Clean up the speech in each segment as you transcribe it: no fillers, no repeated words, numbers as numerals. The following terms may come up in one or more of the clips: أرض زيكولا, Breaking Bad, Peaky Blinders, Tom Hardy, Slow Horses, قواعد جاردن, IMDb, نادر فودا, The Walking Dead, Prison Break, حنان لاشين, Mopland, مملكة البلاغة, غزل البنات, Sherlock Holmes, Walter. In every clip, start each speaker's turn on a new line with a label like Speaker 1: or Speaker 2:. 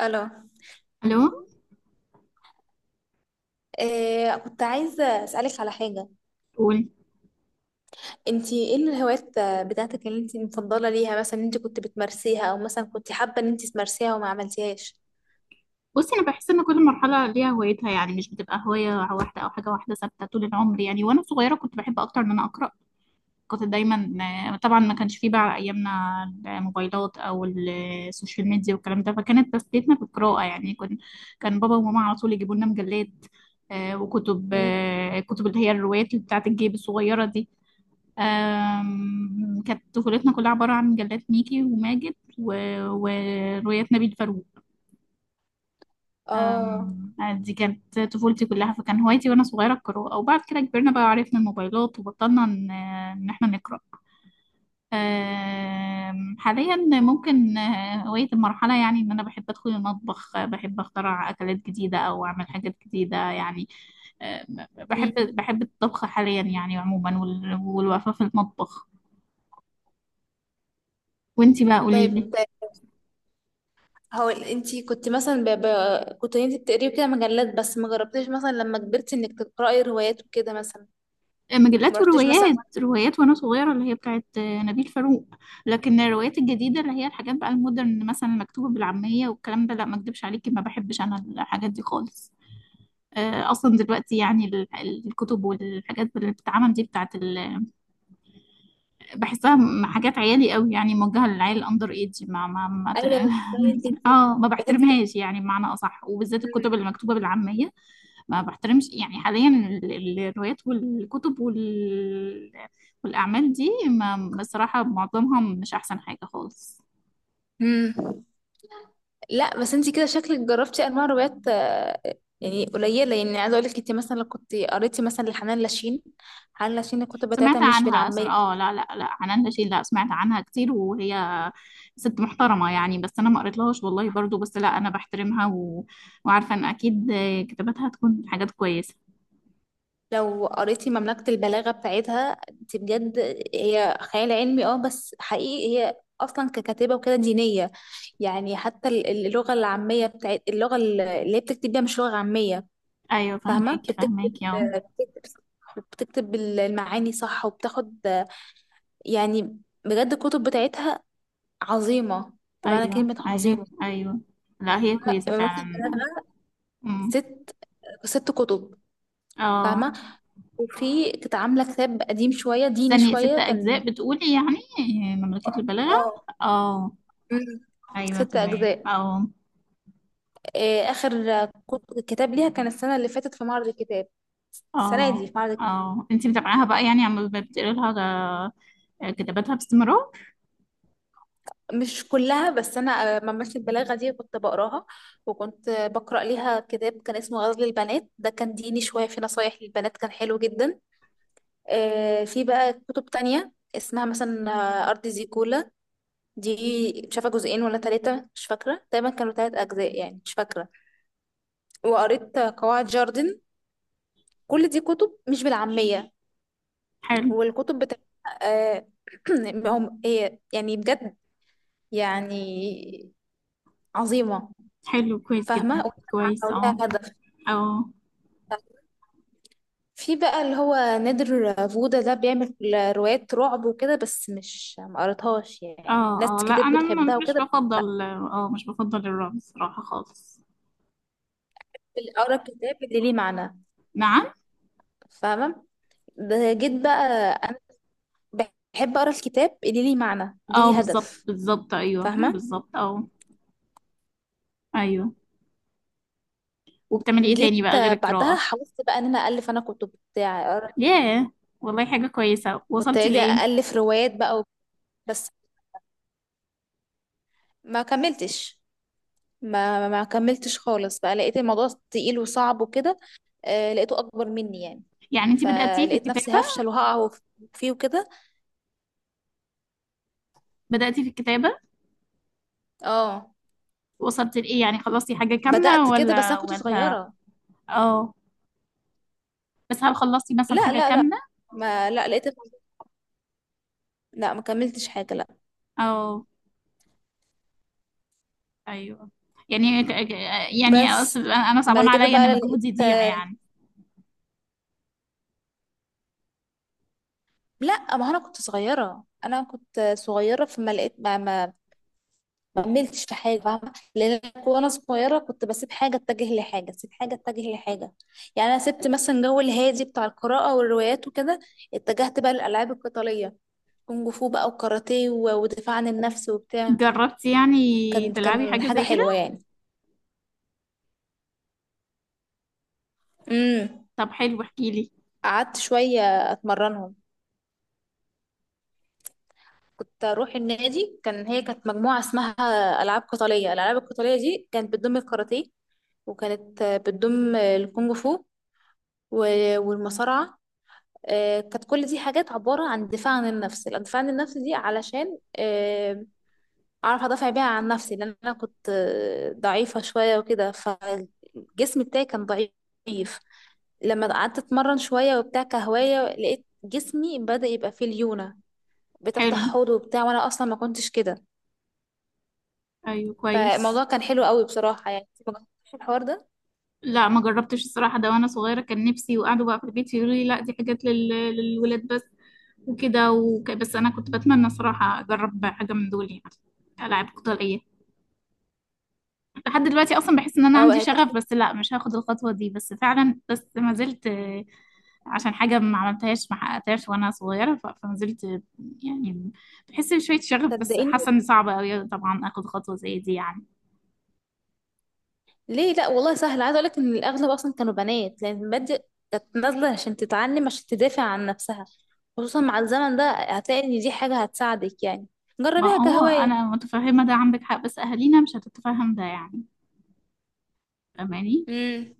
Speaker 1: الو.
Speaker 2: الو.
Speaker 1: إيه، كنت عايزه اسالك على حاجه.
Speaker 2: قول.
Speaker 1: انت ايه الهوايات بتاعتك اللي انت مفضله ليها؟ مثلا انت كنت بتمارسيها، او مثلا كنت حابه ان انت تمارسيها وما عملتيهاش؟
Speaker 2: بصي، انا بحس ان كل مرحله ليها هوايتها، يعني مش بتبقى هوايه واحده او حاجه واحده ثابته طول العمر، يعني وانا صغيره كنت بحب اكتر ان انا اقرا. كنت دايما. طبعا ما كانش فيه بقى ايامنا الموبايلات او السوشيال ميديا والكلام ده، فكانت تسليتنا بالقراءه. يعني كن كان بابا وماما على طول يجيبوا لنا مجلات وكتب
Speaker 1: مم.
Speaker 2: كتب اللي هي الروايات اللي بتاعت الجيب الصغيره دي. كانت طفولتنا كلها عباره عن مجلات ميكي وماجد وروايات نبيل فاروق.
Speaker 1: اه.
Speaker 2: أم، آه، دي كانت طفولتي كلها، فكان هوايتي وانا صغيره القراءه، وبعد كده كبرنا بقى وعرفنا الموبايلات وبطلنا ان إن احنا نقرا. حاليا ممكن هوايه المرحله، يعني ان انا بحب ادخل المطبخ، بحب اخترع اكلات جديده او اعمل حاجات جديده يعني. بحب
Speaker 1: مم.
Speaker 2: بحب الطبخ حاليا يعني عموما والوقفه في المطبخ. وانتي بقى قولي لي.
Speaker 1: طيب، هو انت كنت مثلا ب... ب... كنت انت بتقري كده مجلات، بس ما جربتيش مثلا لما كبرتي انك تقراي روايات وكده مثلا؟ ما
Speaker 2: مجلات
Speaker 1: رحتيش مثلا؟
Speaker 2: وروايات، روايات وانا صغيره اللي هي بتاعت نبيل فاروق. لكن الروايات الجديده اللي هي الحاجات بقى المودرن، مثلا مكتوبه بالعاميه والكلام ده، لا، ما اكدبش عليكي، ما بحبش انا الحاجات دي خالص. اصلا دلوقتي يعني الكتب والحاجات اللي بتتعمل دي بتاعت بحسها حاجات عيالي قوي، يعني موجهه للعيال الاندر ايدج. ما ما, ما ت-
Speaker 1: ايوه، ازاي انت؟
Speaker 2: اه، ما
Speaker 1: بس انت كده.
Speaker 2: بحترمهاش يعني، بمعنى اصح، وبالذات الكتب اللي
Speaker 1: مم.
Speaker 2: مكتوبه بالعاميه. ما بحترمش يعني حاليا الروايات والكتب والأعمال دي، ما بصراحة معظمها مش أحسن حاجة خالص.
Speaker 1: مم. لا، بس انت كده شكلك جربتي انواع روايات، يعني قليله. يعني عايزه اقول لك، انت مثلا لو كنت قريتي مثلا لحنان لاشين، حنان لاشين الكتب بتاعتها
Speaker 2: سمعت
Speaker 1: مش
Speaker 2: عنها
Speaker 1: بالعاميه.
Speaker 2: اه لا لا لا، عنان رشيد. لا، سمعت عنها كتير وهي ست محترمة يعني، بس أنا ما قريتلهاش والله برضو. بس لا، أنا بحترمها وعارفة إن أكيد كتاباتها تكون حاجات كويسة.
Speaker 1: لو قريتي مملكه البلاغه بتاعتها انت بجد، هي خيال علمي، اه، بس حقيقي هي اصلا ككاتبه وكده دينيه يعني. حتى اللغه العاميه بتاعت اللغه، اللي هي بتكتب بيها مش لغه عاميه.
Speaker 2: أيوة،
Speaker 1: فاهمه،
Speaker 2: فهماكي فهماكي اه.
Speaker 1: بتكتب بتكتب المعاني صح، وبتاخد يعني. بجد الكتب بتاعتها عظيمة، بمعنى
Speaker 2: أيوة
Speaker 1: كلمة
Speaker 2: أيوة
Speaker 1: عظيمة.
Speaker 2: أيوة. لا، هي كويسة فعلا. أمم.
Speaker 1: ست ست كتب،
Speaker 2: اه.
Speaker 1: فاهمة. وفي كانت عاملة كتاب قديم شوية، ديني
Speaker 2: استني، ست
Speaker 1: شوية كان.
Speaker 2: أجزاء بتقولي يعني؟ مملكة البلاغة؟
Speaker 1: اه.
Speaker 2: اه.
Speaker 1: مم.
Speaker 2: أيوة
Speaker 1: ست
Speaker 2: تمام
Speaker 1: أجزاء.
Speaker 2: اه.
Speaker 1: آخر كتاب ليها كان السنة اللي فاتت في معرض الكتاب، السنة
Speaker 2: اه
Speaker 1: دي في معرض.
Speaker 2: اه انتي متابعاها بقى يعني، عم بتقري لها كتاباتها باستمرار؟
Speaker 1: مش كلها، بس أنا ممارسة البلاغة دي كنت بقراها. وكنت بقرأ ليها كتاب كان اسمه غزل البنات، ده كان ديني شوية، في نصايح للبنات، كان حلو جدا. في بقى كتب تانية اسمها مثلا أرض زيكولا، دي مش عارفة جزئين ولا ثلاثة، مش فاكرة. تقريبا كانوا ثلاث أجزاء يعني، مش فاكرة. وقريت قواعد جاردن، كل دي كتب مش بالعامية.
Speaker 2: حلو،
Speaker 1: والكتب بتاعتها، آه هي يعني بجد يعني عظيمة،
Speaker 2: حلو كويس جدا.
Speaker 1: فاهمة،
Speaker 2: كويس
Speaker 1: ولها
Speaker 2: اه
Speaker 1: هدف.
Speaker 2: اه
Speaker 1: في بقى اللي هو نادر فودا، ده بيعمل روايات رعب وكده، بس مش، ما قريتهاش يعني. ناس
Speaker 2: اه اه. لا،
Speaker 1: كتير
Speaker 2: انا
Speaker 1: بتحبها
Speaker 2: مش
Speaker 1: وكده، بس لا،
Speaker 2: بفضل، اه مش بفضل الرعب الصراحة خالص.
Speaker 1: بقرا الكتاب اللي ليه معنى،
Speaker 2: نعم.
Speaker 1: فاهمة؟ ده جيت بقى بحب اقرا الكتاب اللي ليه معنى،
Speaker 2: اه،
Speaker 1: ليه
Speaker 2: بالظبط
Speaker 1: هدف،
Speaker 2: بالظبط، ايوه
Speaker 1: فاهمه؟
Speaker 2: بالظبط اه. ايوه. وبتعملي ايه تاني
Speaker 1: جيت
Speaker 2: بقى غير
Speaker 1: بعدها
Speaker 2: القراءة؟
Speaker 1: حاولت بقى ان انا الف انا كتب بتاع أقرأ-
Speaker 2: ياه، والله حاجة كويسة.
Speaker 1: كنت
Speaker 2: وصلتي
Speaker 1: اجي
Speaker 2: لإيه
Speaker 1: الف روايات بقى بس ما كملتش، ما كملتش خالص بقى. لقيت الموضوع تقيل وصعب وكده، آه لقيته اكبر مني يعني،
Speaker 2: يعني؟ انتي بدأتي في
Speaker 1: فلقيت
Speaker 2: الكتاب؟
Speaker 1: نفسي هفشل وهقع فيه وكده.
Speaker 2: بدأتي في الكتابة؟
Speaker 1: اه،
Speaker 2: وصلت لإيه يعني، خلصتي حاجة كاملة
Speaker 1: بدأت كده، بس
Speaker 2: ولا
Speaker 1: انا كنت
Speaker 2: ولا
Speaker 1: صغيره.
Speaker 2: اه. بس هل خلصتي مثلا
Speaker 1: لا
Speaker 2: حاجة
Speaker 1: لا لا،
Speaker 2: كاملة؟
Speaker 1: ما، لا لقيت، لا، ما كملتش حاجه، لا.
Speaker 2: أو أيوه. يعني ك- ك- يعني
Speaker 1: بس
Speaker 2: أنا
Speaker 1: بعد
Speaker 2: صعبان
Speaker 1: كده
Speaker 2: عليا
Speaker 1: بقى
Speaker 2: إن
Speaker 1: لقيت،
Speaker 2: مجهودي يضيع يعني.
Speaker 1: لا، ما انا كنت صغيره فما لقيت، ما كملتش في حاجه، فاهمه؟ لان أنا وانا صغيره كنت بسيب حاجه اتجه لحاجه، اسيب حاجه اتجه لحاجه. يعني انا سبت مثلا جو الهادي بتاع القراءه والروايات وكده، اتجهت بقى للالعاب القتاليه، كونج فو بقى وكاراتيه ودفاع عن النفس وبتاع.
Speaker 2: جربتي يعني
Speaker 1: كان
Speaker 2: تلعبي
Speaker 1: كان
Speaker 2: حاجة
Speaker 1: حاجه
Speaker 2: زي كده؟
Speaker 1: حلوه يعني. امم
Speaker 2: طب حلو احكيلي.
Speaker 1: قعدت شويه اتمرنهم، كنت اروح النادي. هي كانت مجموعه اسمها العاب قتاليه، الالعاب القتاليه دي كانت بتضم الكاراتيه، وكانت بتضم الكونج فو والمصارعة. كانت كل دي حاجات عبارة عن دفاع عن النفس. الدفاع عن النفس دي علشان أعرف أدافع بيها عن نفسي، لأن أنا كنت ضعيفة شوية وكده، فالجسم بتاعي كان ضعيف. لما قعدت اتمرن شويه وبتاع كهوايه، لقيت جسمي بدأ يبقى فيه ليونه،
Speaker 2: حلو،
Speaker 1: بتفتح حوض وبتاع، وانا اصلا ما كنتش كده.
Speaker 2: أيوه كويس.
Speaker 1: فالموضوع كان حلو قوي بصراحه، يعني ما جربتش الحوار ده.
Speaker 2: لا، ما جربتش الصراحة ده. وأنا صغيرة كان نفسي، وقعدوا بقى في البيت يقولوا لي لا، دي حاجات للولاد بس، وكده بس أنا كنت بتمنى صراحة أجرب حاجة من دول، يعني ألعاب قتالية. لحد دلوقتي اصلا بحس ان انا
Speaker 1: اه،
Speaker 2: عندي
Speaker 1: هي كانت.
Speaker 2: شغف، بس لا، مش هاخد الخطوه دي. بس فعلا بس ما زلت، عشان حاجه ما عملتهاش ما حققتهاش وانا صغيره، فما زلت يعني بحس بشويه شغف، بس
Speaker 1: صدقيني،
Speaker 2: حاسه ان صعبه قوي طبعا اخد خطوه زي دي يعني.
Speaker 1: ليه؟ لا والله سهل. عايزه اقول لك ان الاغلب اصلا كانوا بنات، لان المبادئ كانت نازله عشان تتعلم، عشان تدافع عن نفسها. خصوصا مع الزمن ده هتلاقي ان دي حاجه هتساعدك يعني،
Speaker 2: ما
Speaker 1: جربيها
Speaker 2: هو
Speaker 1: كهوايه.
Speaker 2: انا متفهمه ده عندك حق، بس اهالينا مش هتتفهم ده يعني، فاهماني.
Speaker 1: امم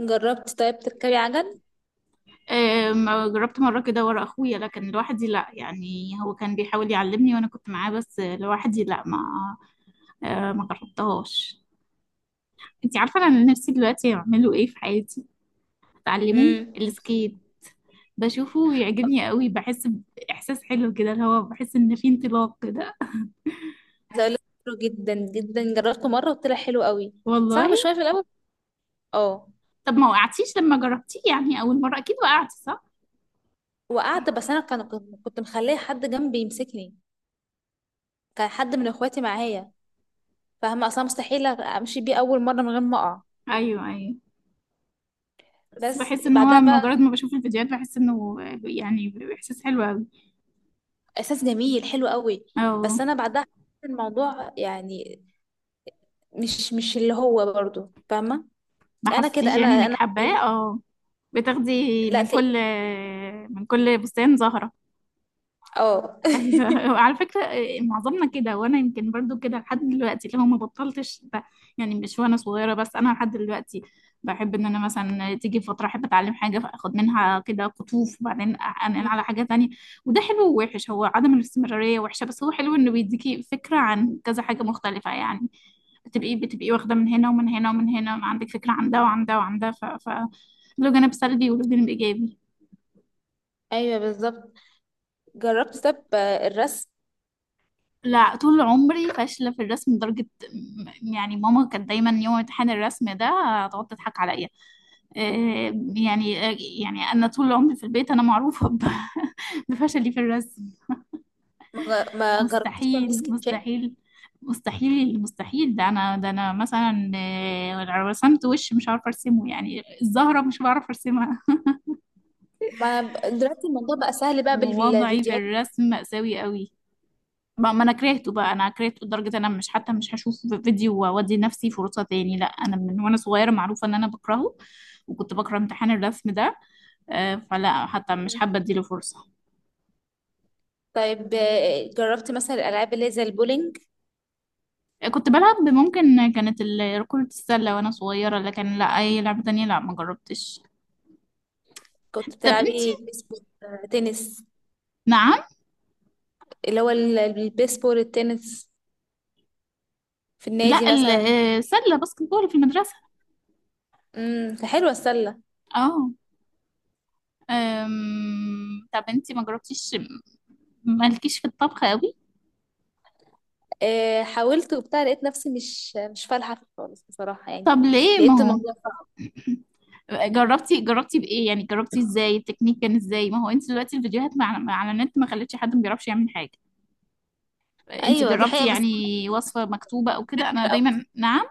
Speaker 1: جربت طيب تركبي عجل؟
Speaker 2: ما جربت مره كده ورا اخويا، لكن لوحدي لا. يعني هو كان بيحاول يعلمني وانا كنت معاه، بس لوحدي لا. ما جربتهاش. انتي عارفة انا نفسي دلوقتي اعمله ايه في حياتي؟ اتعلمه
Speaker 1: امم
Speaker 2: السكيت. بشوفه ويعجبني قوي، بحس باحساس حلو كده، اللي هو بحس ان في انطلاق كده.
Speaker 1: عايزه اقول لك، حلو جدا جدا، جربته مره وطلع حلو قوي.
Speaker 2: والله.
Speaker 1: صعب شويه في الاول. اه،
Speaker 2: طب ما وقعتيش لما جربتيه يعني؟ اول مرة اكيد وقعتي صح؟
Speaker 1: وقعت، بس انا كان كنت كنت مخليه حد جنبي يمسكني، كان حد من اخواتي معايا. فاهمه؟ اصلا مستحيل امشي بيه اول مره من غير ما اقع.
Speaker 2: ايوه ايوه. بس
Speaker 1: بس
Speaker 2: بحس ان
Speaker 1: بعدها
Speaker 2: هو
Speaker 1: بقى
Speaker 2: مجرد ما بشوف الفيديوهات بحس انه يعني باحساس حلو قوي.
Speaker 1: احساس جميل حلو قوي.
Speaker 2: اه.
Speaker 1: بس انا بعدها حسيت الموضوع يعني مش اللي هو برضو، فاهمه؟
Speaker 2: ما
Speaker 1: انا
Speaker 2: حسيتيش
Speaker 1: كده، انا
Speaker 2: يعني انك
Speaker 1: انا
Speaker 2: حباه اه. بتاخدي
Speaker 1: لا
Speaker 2: من
Speaker 1: تلاقي.
Speaker 2: كل، من كل بستان زهرة.
Speaker 1: اه
Speaker 2: ايوه على فكره، معظمنا كده، وانا يمكن برضو كده لحد دلوقتي، اللي هو ما بطلتش يعني مش وانا صغيره بس، انا لحد دلوقتي بحب ان انا مثلا تيجي فتره احب اتعلم حاجه، فاخد منها كده قطوف وبعدين انقل على
Speaker 1: مم.
Speaker 2: حاجه تانية. وده حلو ووحش. هو عدم الاستمراريه وحشه، بس هو حلو انه بيديكي فكره عن كذا حاجه مختلفه، يعني بتبقي واخده من هنا ومن هنا ومن هنا، عندك فكره عن ده وعن ده وعن ده. له جانب سلبي وله جانب ايجابي.
Speaker 1: ايوه بالظبط. جربت طب الرسم؟
Speaker 2: لا، طول عمري فاشلة في الرسم، لدرجة يعني ماما كانت دايما يوم امتحان الرسم ده تقعد تضحك عليا. آه، يعني آه، يعني أنا طول عمري في البيت أنا معروفة بفشلي في الرسم.
Speaker 1: ما جربتش تعمل
Speaker 2: مستحيل
Speaker 1: سكتشات؟
Speaker 2: مستحيل. مستحيل مستحيل، ده أنا، ده أنا مثلا، لو رسمت وش مش عارفة أرسمه، يعني الزهرة مش بعرف أرسمها.
Speaker 1: ما ب- دلوقتي الموضوع بقى سهل بقى
Speaker 2: ووضعي في
Speaker 1: بالفيديوهات.
Speaker 2: الرسم مأساوي قوي. ما ما انا كرهته بقى، انا كرهته لدرجه انا مش حتى مش هشوف فيديو وادي نفسي فرصه تاني. لا، انا من وانا صغيره معروفه ان انا بكرهه، وكنت بكره امتحان الرسم ده. فلا، حتى مش حابه اديله فرصه.
Speaker 1: طيب، جربت مثلا الالعاب اللي هي زي البولينج؟
Speaker 2: كنت بلعب ممكن كانت كرة السلة وانا صغيرة، لكن لا اي لعبة تانية لا ما جربتش.
Speaker 1: كنت
Speaker 2: طب انتي.
Speaker 1: بتلعبي بيسبول، تنس؟
Speaker 2: نعم.
Speaker 1: اللي هو البيسبول، التنس، في النادي
Speaker 2: لا،
Speaker 1: مثلا؟
Speaker 2: سلة باسكت بول في المدرسة.
Speaker 1: حلوه السله.
Speaker 2: اه. طب انتي ما جربتيش، مالكيش في الطبخ قوي؟
Speaker 1: حاولت وبتاع، لقيت نفسي مش فالحة فيه خالص، بصراحة يعني.
Speaker 2: طب ليه؟ ما
Speaker 1: لقيت
Speaker 2: هو
Speaker 1: الموضوع صعب.
Speaker 2: جربتي، جربتي بايه يعني، جربتي ازاي؟ التكنيك كان ازاي؟ ما هو انت دلوقتي الفيديوهات على النت، ما خلتش حد ما بيعرفش يعمل حاجه. انت
Speaker 1: أيوة، دي
Speaker 2: جربتي
Speaker 1: حقيقة، بس
Speaker 2: يعني وصفه مكتوبه او كده؟ انا
Speaker 1: كبيرة أوي،
Speaker 2: دايما، نعم.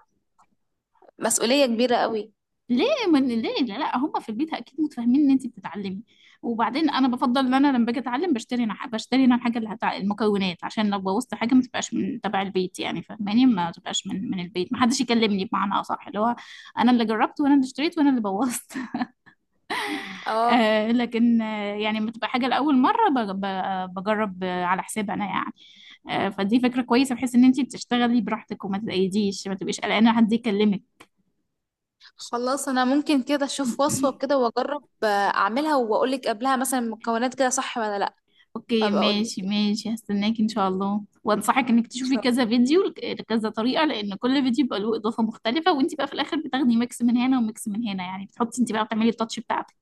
Speaker 1: مسؤولية كبيرة أوي.
Speaker 2: ليه؟ من ليه، لا, لا هم في البيت اكيد متفاهمين ان انت بتتعلمي. وبعدين انا بفضل ان انا لما باجي اتعلم بشتري، انا بشتري انا الحاجه اللي المكونات، عشان لو بوظت حاجه ما تبقاش من تبع البيت يعني، فاهماني؟ ما تبقاش من البيت، ما حدش يكلمني بمعنى اصح، اللي هو انا اللي جربت وانا اللي اشتريت وانا اللي بوظت.
Speaker 1: اه،
Speaker 2: آه، لكن آه يعني لما تبقى حاجه لاول مره بجرب على حساب انا يعني. آه، فدي فكره كويسه، بحيث ان انت بتشتغلي براحتك وما تتقيديش، ما تبقيش قلقانه حد يكلمك.
Speaker 1: خلاص، أنا ممكن كده أشوف وصفة كده وأجرب، أعملها، وأقولك قبلها مثلا المكونات كده صح ولا لأ،
Speaker 2: اوكي،
Speaker 1: فأبقى أقولك،
Speaker 2: ماشي ماشي، هستناك ان شاء الله. وانصحك انك
Speaker 1: إن شاء
Speaker 2: تشوفي
Speaker 1: الله.
Speaker 2: كذا فيديو لكذا طريقه، لان كل فيديو بيبقى له اضافه مختلفه، وانت بقى في الاخر بتاخدي ميكس من هنا وميكس من هنا، يعني بتحطي انت بقى، بتعملي التاتش بتاعتك.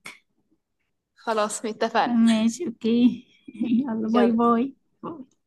Speaker 1: خلاص، اتفقنا.
Speaker 2: ماشي اوكي يلا باي
Speaker 1: يلا.
Speaker 2: باي. باي.